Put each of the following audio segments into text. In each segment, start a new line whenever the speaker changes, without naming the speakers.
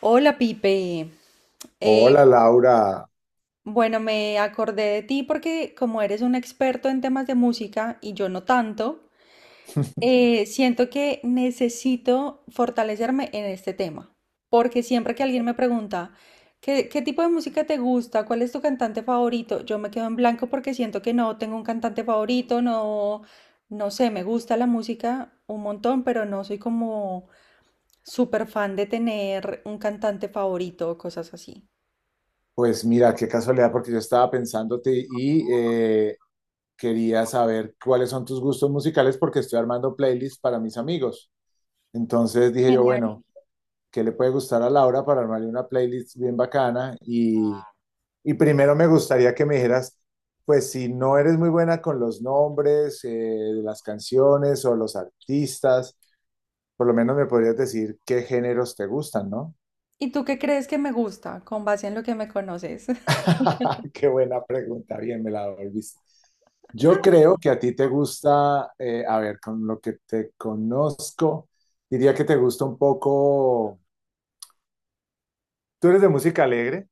Hola Pipe. Eh,
Hola Laura,
bueno, me acordé de ti porque como eres un experto en temas de música y yo no tanto, siento que necesito fortalecerme en este tema, porque siempre que alguien me pregunta, ¿Qué tipo de música te gusta? ¿Cuál es tu cantante favorito? Yo me quedo en blanco porque siento que no tengo un cantante favorito, no, no sé. Me gusta la música un montón, pero no soy como súper fan de tener un cantante favorito o cosas así.
pues mira, qué casualidad porque yo estaba pensándote y quería saber cuáles son tus gustos musicales porque estoy armando playlists para mis amigos. Entonces dije yo,
Genial.
bueno, ¿qué le puede gustar a Laura para armarle una playlist bien bacana? Y primero me gustaría que me dijeras, pues si no eres muy buena con los nombres de las canciones o los artistas, por lo menos me podrías decir qué géneros te gustan, ¿no?
¿Y tú qué crees que me gusta con base en lo que me conoces?
Qué buena pregunta, bien me la volviste. Yo creo que a ti te gusta, a ver, con lo que te conozco, diría que te gusta un poco, tú eres de música alegre,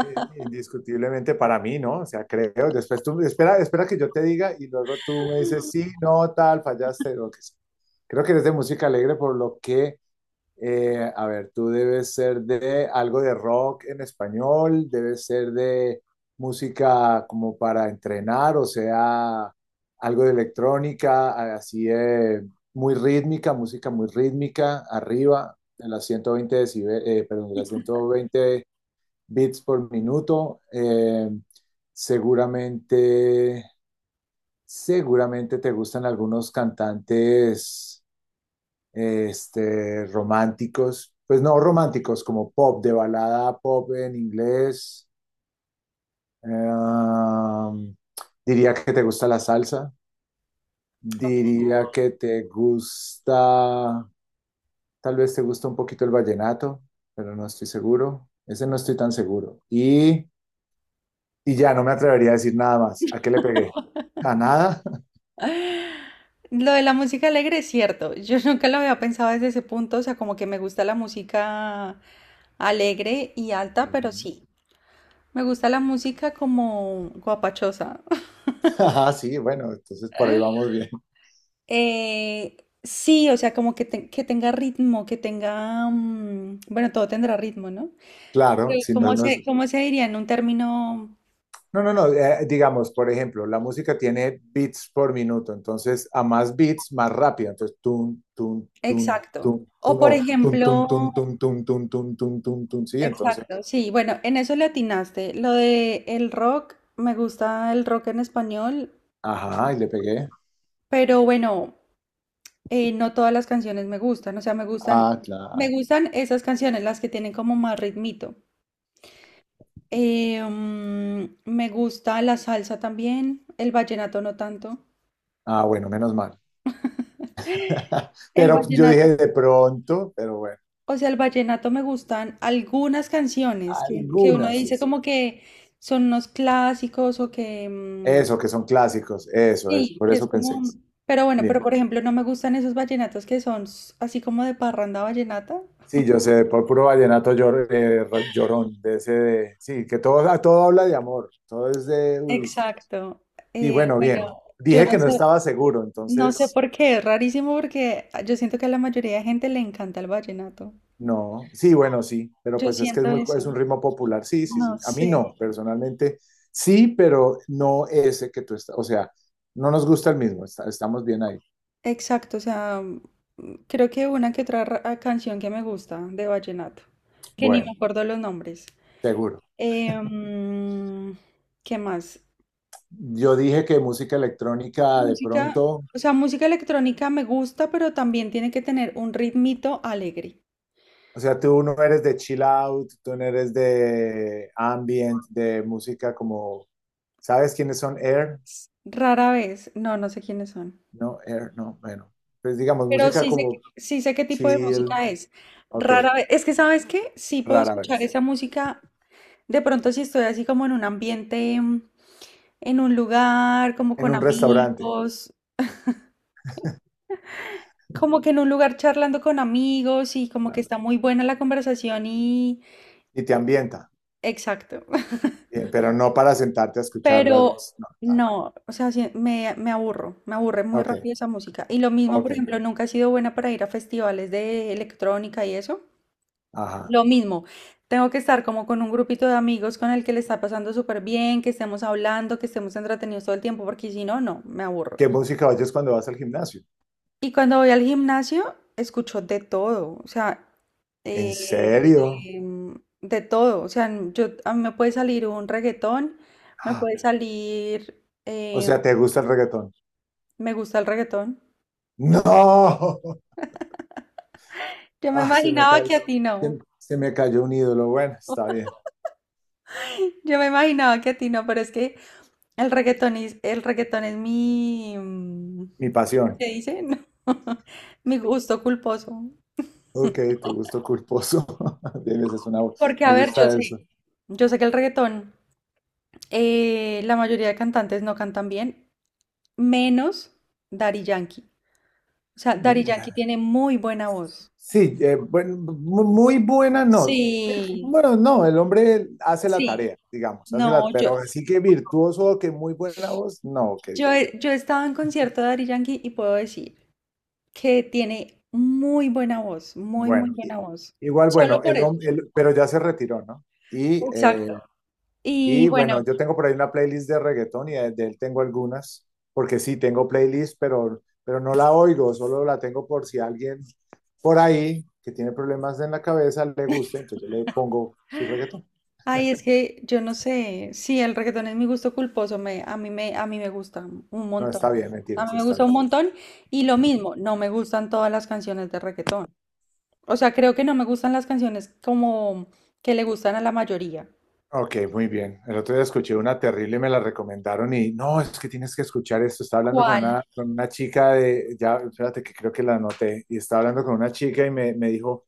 indiscutiblemente para mí, ¿no? O sea, creo, después tú, espera que yo te diga y luego tú me dices, sí, no, tal, fallaste, lo que sea. Creo que eres de música alegre por lo que a ver, tú debes ser de algo de rock en español, debes ser de música como para entrenar, o sea, algo de electrónica, así de muy rítmica, música muy rítmica, arriba de las 120 perdón, de las 120 beats por minuto. Seguramente, seguramente te gustan algunos cantantes románticos, pues no románticos, como pop, de balada pop en inglés. Um, diría que te gusta la salsa,
Ok.
diría que te gusta, tal vez te gusta un poquito el vallenato, pero no estoy seguro. Ese no estoy tan seguro. Y ya no me atrevería a decir nada más. ¿A qué le pegué? ¿A nada?
Lo de la música alegre es cierto. Yo nunca lo había pensado desde ese punto. O sea, como que me gusta la música alegre y alta, pero
Ujú.
sí. Me gusta la música como guapachosa.
Ah, sí, bueno, entonces por ahí vamos bien.
Eh, sí, o sea, como que, que tenga ritmo, que tenga... mm, bueno, todo tendrá ritmo, ¿no? Pero
Claro, si no,
¿Cómo se, cómo se diría en un término
No, no, no, digamos, por ejemplo, la música tiene beats por minuto, entonces a más beats, más rápido, entonces tun, tun, tun,
exacto?
tun,
O
tun,
por
o tun,
ejemplo,
tun, tun, tun, tun, tun, tun, tun, tun, tun, sí, entonces,
exacto, sí, bueno, en eso le atinaste. Lo de el rock, me gusta el rock en español,
ajá, y le pegué.
pero bueno, no todas las canciones me gustan. O sea, me gustan,
Ah,
me
claro.
gustan esas canciones, las que tienen como más ritmito. Me gusta la salsa también, el vallenato no tanto.
Ah, bueno, menos mal.
El
Pero yo
vallenato,
dije de pronto, pero bueno,
o sea, el vallenato, me gustan algunas canciones que uno
algunas,
dice
es
como que son unos clásicos o que.
eso, que son clásicos, eso,
Sí,
por
que es
eso pensé.
como, pero bueno, pero
Bien.
por ejemplo, no me gustan esos vallenatos que son así como de parranda vallenata.
Sí, yo sé, por puro llorón, de ese de, sí, que todo, a todo habla de amor, todo es de, uy, sí, yo sé.
Exacto.
Y
Eh,
bueno, bien,
bueno, yo
dije que
no
no
sé,
estaba seguro,
no sé
entonces,
por qué, es rarísimo porque yo siento que a la mayoría de gente le encanta el vallenato.
no, sí, bueno, sí, pero
Yo
pues es que es
siento
muy,
eso,
pues un ritmo popular, sí, sí,
no
sí, a mí
sé.
no, personalmente, sí, pero no ese que tú estás, o sea, no nos gusta el mismo, estamos bien ahí,
Exacto, o sea, creo que una que otra canción que me gusta de vallenato, que ni
bueno,
me acuerdo los nombres.
seguro.
Em, ¿Qué más?
Yo dije que música electrónica de
Música,
pronto.
o sea, música electrónica me gusta, pero también tiene que tener un ritmito alegre.
O sea, tú no eres de chill out, tú no eres de ambient, de música como, ¿sabes quiénes son Air?
Rara vez, no, no sé quiénes son.
No, Air, no, bueno. Pues digamos,
Pero
música
sí sé,
como
sí sé qué tipo de
chill,
música es.
ok,
Rara vez, es que ¿sabes qué? Sí puedo
rara
escuchar
vez,
esa música. De pronto si estoy así como en un ambiente, en un lugar, como
en
con
un restaurante
amigos, como que en un lugar charlando con amigos y como que
claro,
está muy buena la conversación y...
y te ambienta,
Exacto.
pero no para sentarte a escucharla.
Pero
Pues, no, tal.
no, o sea, sí, me aburro, me aburre muy
Ok,
rápido esa música. Y lo mismo,
ok,
por ejemplo, nunca he sido buena para ir a festivales de electrónica y eso.
ajá.
Lo mismo, tengo que estar como con un grupito de amigos con el que le está pasando súper bien, que estemos hablando, que estemos entretenidos todo el tiempo, porque si no, no, me aburro.
¿Qué música oyes cuando vas al gimnasio?
Y cuando voy al gimnasio, escucho de todo. O sea,
¿En
eh,
serio?
em, de todo. O sea, yo, a mí me puede salir un reggaetón, me
Ah,
puede salir...
o sea, ¿te gusta el reggaetón?
Me gusta el reggaetón.
No.
Yo me
Ah, se me
imaginaba
cayó,
que a ti no.
se me cayó un ídolo. Bueno, está bien.
Yo me imaginaba que a ti no, pero es que el reggaetón es, el reggaetón es mi,
Mi
¿cómo
pasión.
se dice? No, mi gusto culposo.
Ok, tu gusto culposo. Bien, esa es una,
Porque, a
me
ver, yo
gusta eso.
sé, yo sé que el reggaetón, la mayoría de cantantes no cantan bien, menos Daddy Yankee. O sea, Daddy Yankee tiene muy buena voz.
Sí, bueno, muy buena, no. Eh,
Sí,
bueno, no, el hombre hace la
sí.
tarea, digamos, hace
No,
la,
yo,
pero así que virtuoso, que muy buena voz, no,
yo,
querida.
he- yo he estado en concierto de Daddy Yankee y puedo decir que tiene muy buena voz, muy, muy
Bueno,
buena voz.
igual,
Solo
bueno,
por eso.
pero ya se retiró, ¿no? Y
Exacto. Y
y
bueno,
bueno, yo tengo por ahí una playlist de reggaetón y de él tengo algunas, porque sí, tengo playlist, pero no la oigo, solo la tengo por si alguien por ahí que tiene problemas en la cabeza le gusta, entonces yo le pongo su reggaetón.
ay, es que yo no sé, sí, el reggaetón es mi gusto culposo, a mí me gusta un
No,
montón.
está bien,
A
mentiras,
mí me
está
gusta un
bien.
montón y lo mismo, no me gustan todas las canciones de reggaetón. O sea, creo que no me gustan las canciones como que le gustan a la mayoría.
Ok, muy bien. El otro día escuché una terrible, me la recomendaron y no, es que tienes que escuchar esto. Estaba hablando con
¿Cuál?
con una chica de, ya, espérate que creo que la anoté, y estaba hablando con una chica y me dijo,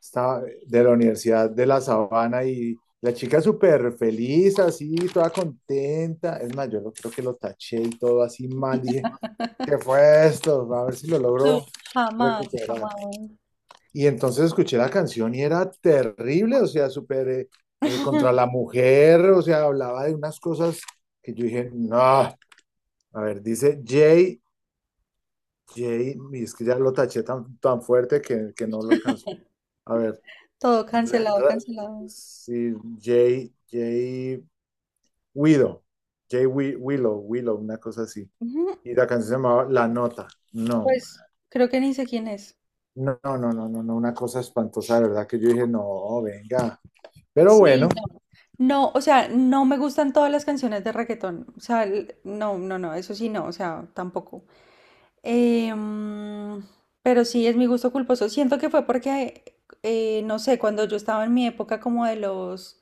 estaba de la Universidad de La Sabana y la chica súper feliz, así, toda contenta. Es más, creo que lo taché y todo así mal. Dije, ¿qué fue esto? A ver si lo
No,
logro
jamás,
recuperar.
jamás.
Y entonces escuché la canción y era terrible, o sea, súper contra la mujer, o sea, hablaba de unas cosas que yo dije, no, a ver, dice Jay, Jay, y es que ya lo taché tan fuerte que no lo alcanzó. A ver,
Todo
Ra-
cancelado,
Ra-
cancelado.
sí, Jay Widow, Willow, una cosa así.
Ujú.
Y la canción se llamaba La Nota. No,
Pues creo que ni sé quién es.
no, una cosa espantosa, de verdad que yo dije, no, venga. Pero bueno,
Sí, no. No, o sea, no me gustan todas las canciones de reggaetón. O sea, no, no, no, eso sí no, o sea, tampoco. Eh, mm, pero sí es mi gusto culposo. Siento que fue porque, no sé, cuando yo estaba en mi época como de los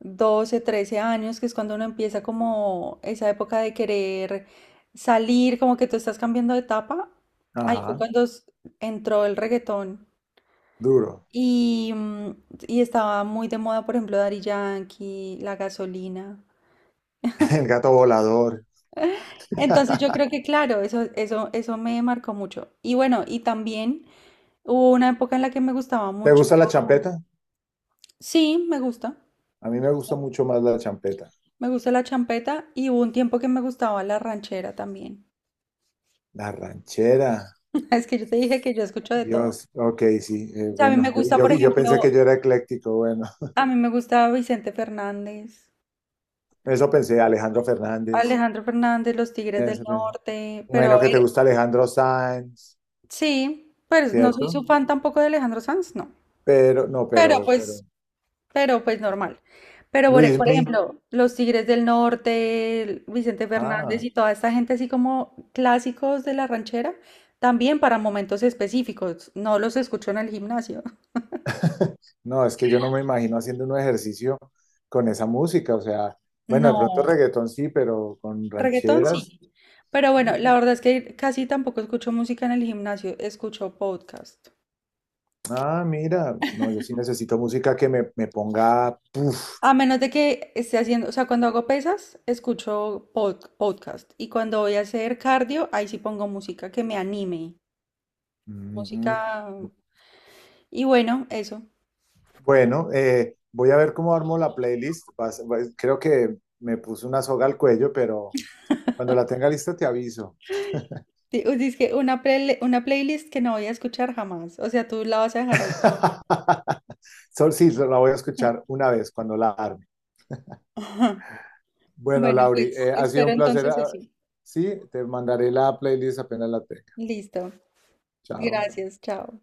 12, 13 años, que es cuando uno empieza como esa época de querer salir, como que tú estás cambiando de etapa, ahí fue
ajá,
cuando entró el reggaetón.
duro.
Y y estaba muy de moda, por ejemplo, Daddy Yankee, la gasolina.
El gato volador.
Entonces yo creo que claro, eso me marcó mucho. Y bueno, y también hubo una época en la que me gustaba
¿Te
mucho.
gusta la champeta?
Sí, me gusta.
A mí me gusta mucho más la champeta.
Me gusta la champeta y hubo un tiempo que me gustaba la ranchera también.
La ranchera.
Es que yo te dije que yo escucho de todo.
Dios, ok, sí,
O sea, a mí me
bueno, yo,
gusta,
yo,
por
yo pensé
ejemplo,
que yo era ecléctico, bueno,
a mí me gusta Vicente Fernández,
eso pensé, Alejandro Fernández,
Alejandro Fernández, Los Tigres del
eso pensé.
Norte,
Me
pero a
imagino que te
ver,
gusta Alejandro Sanz,
sí, pues no soy su
¿cierto?
fan tampoco de Alejandro Sanz, no.
Pero, no,
Pero pues, pero pues
ok.
normal. Pero por, por
Luismi,
ejemplo, los Tigres del Norte, el Vicente Fernández
ah,
y toda esta gente así como clásicos de la ranchera, también para momentos específicos. No los escucho en el gimnasio.
no, es que yo no me imagino haciendo un ejercicio con esa música, o sea, bueno, de pronto
No,
reggaetón sí, pero con
reggaetón
rancheras,
sí. Pero bueno, la verdad es que casi tampoco escucho música en el gimnasio, escucho podcast.
ah, mira, no, yo sí necesito música que me ponga,
A menos de que esté haciendo, o sea, cuando hago pesas, escucho podcast. Y cuando voy a hacer cardio, ahí sí pongo música que me anime. Música.
mm,
Y bueno, eso.
bueno, voy a ver cómo armo la playlist. Creo que me puse una soga al cuello, pero cuando la tenga lista te aviso.
Es que una, una playlist que no voy a escuchar jamás. O sea, tú la vas a dejar ahí.
Sol, sí, la voy a escuchar una vez cuando la arme. Bueno,
Bueno,
Lauri,
pues
ha sido
espero
un placer.
entonces
Ah,
eso.
sí, te mandaré la playlist apenas la tenga.
Listo.
Chao.
Gracias. Chao.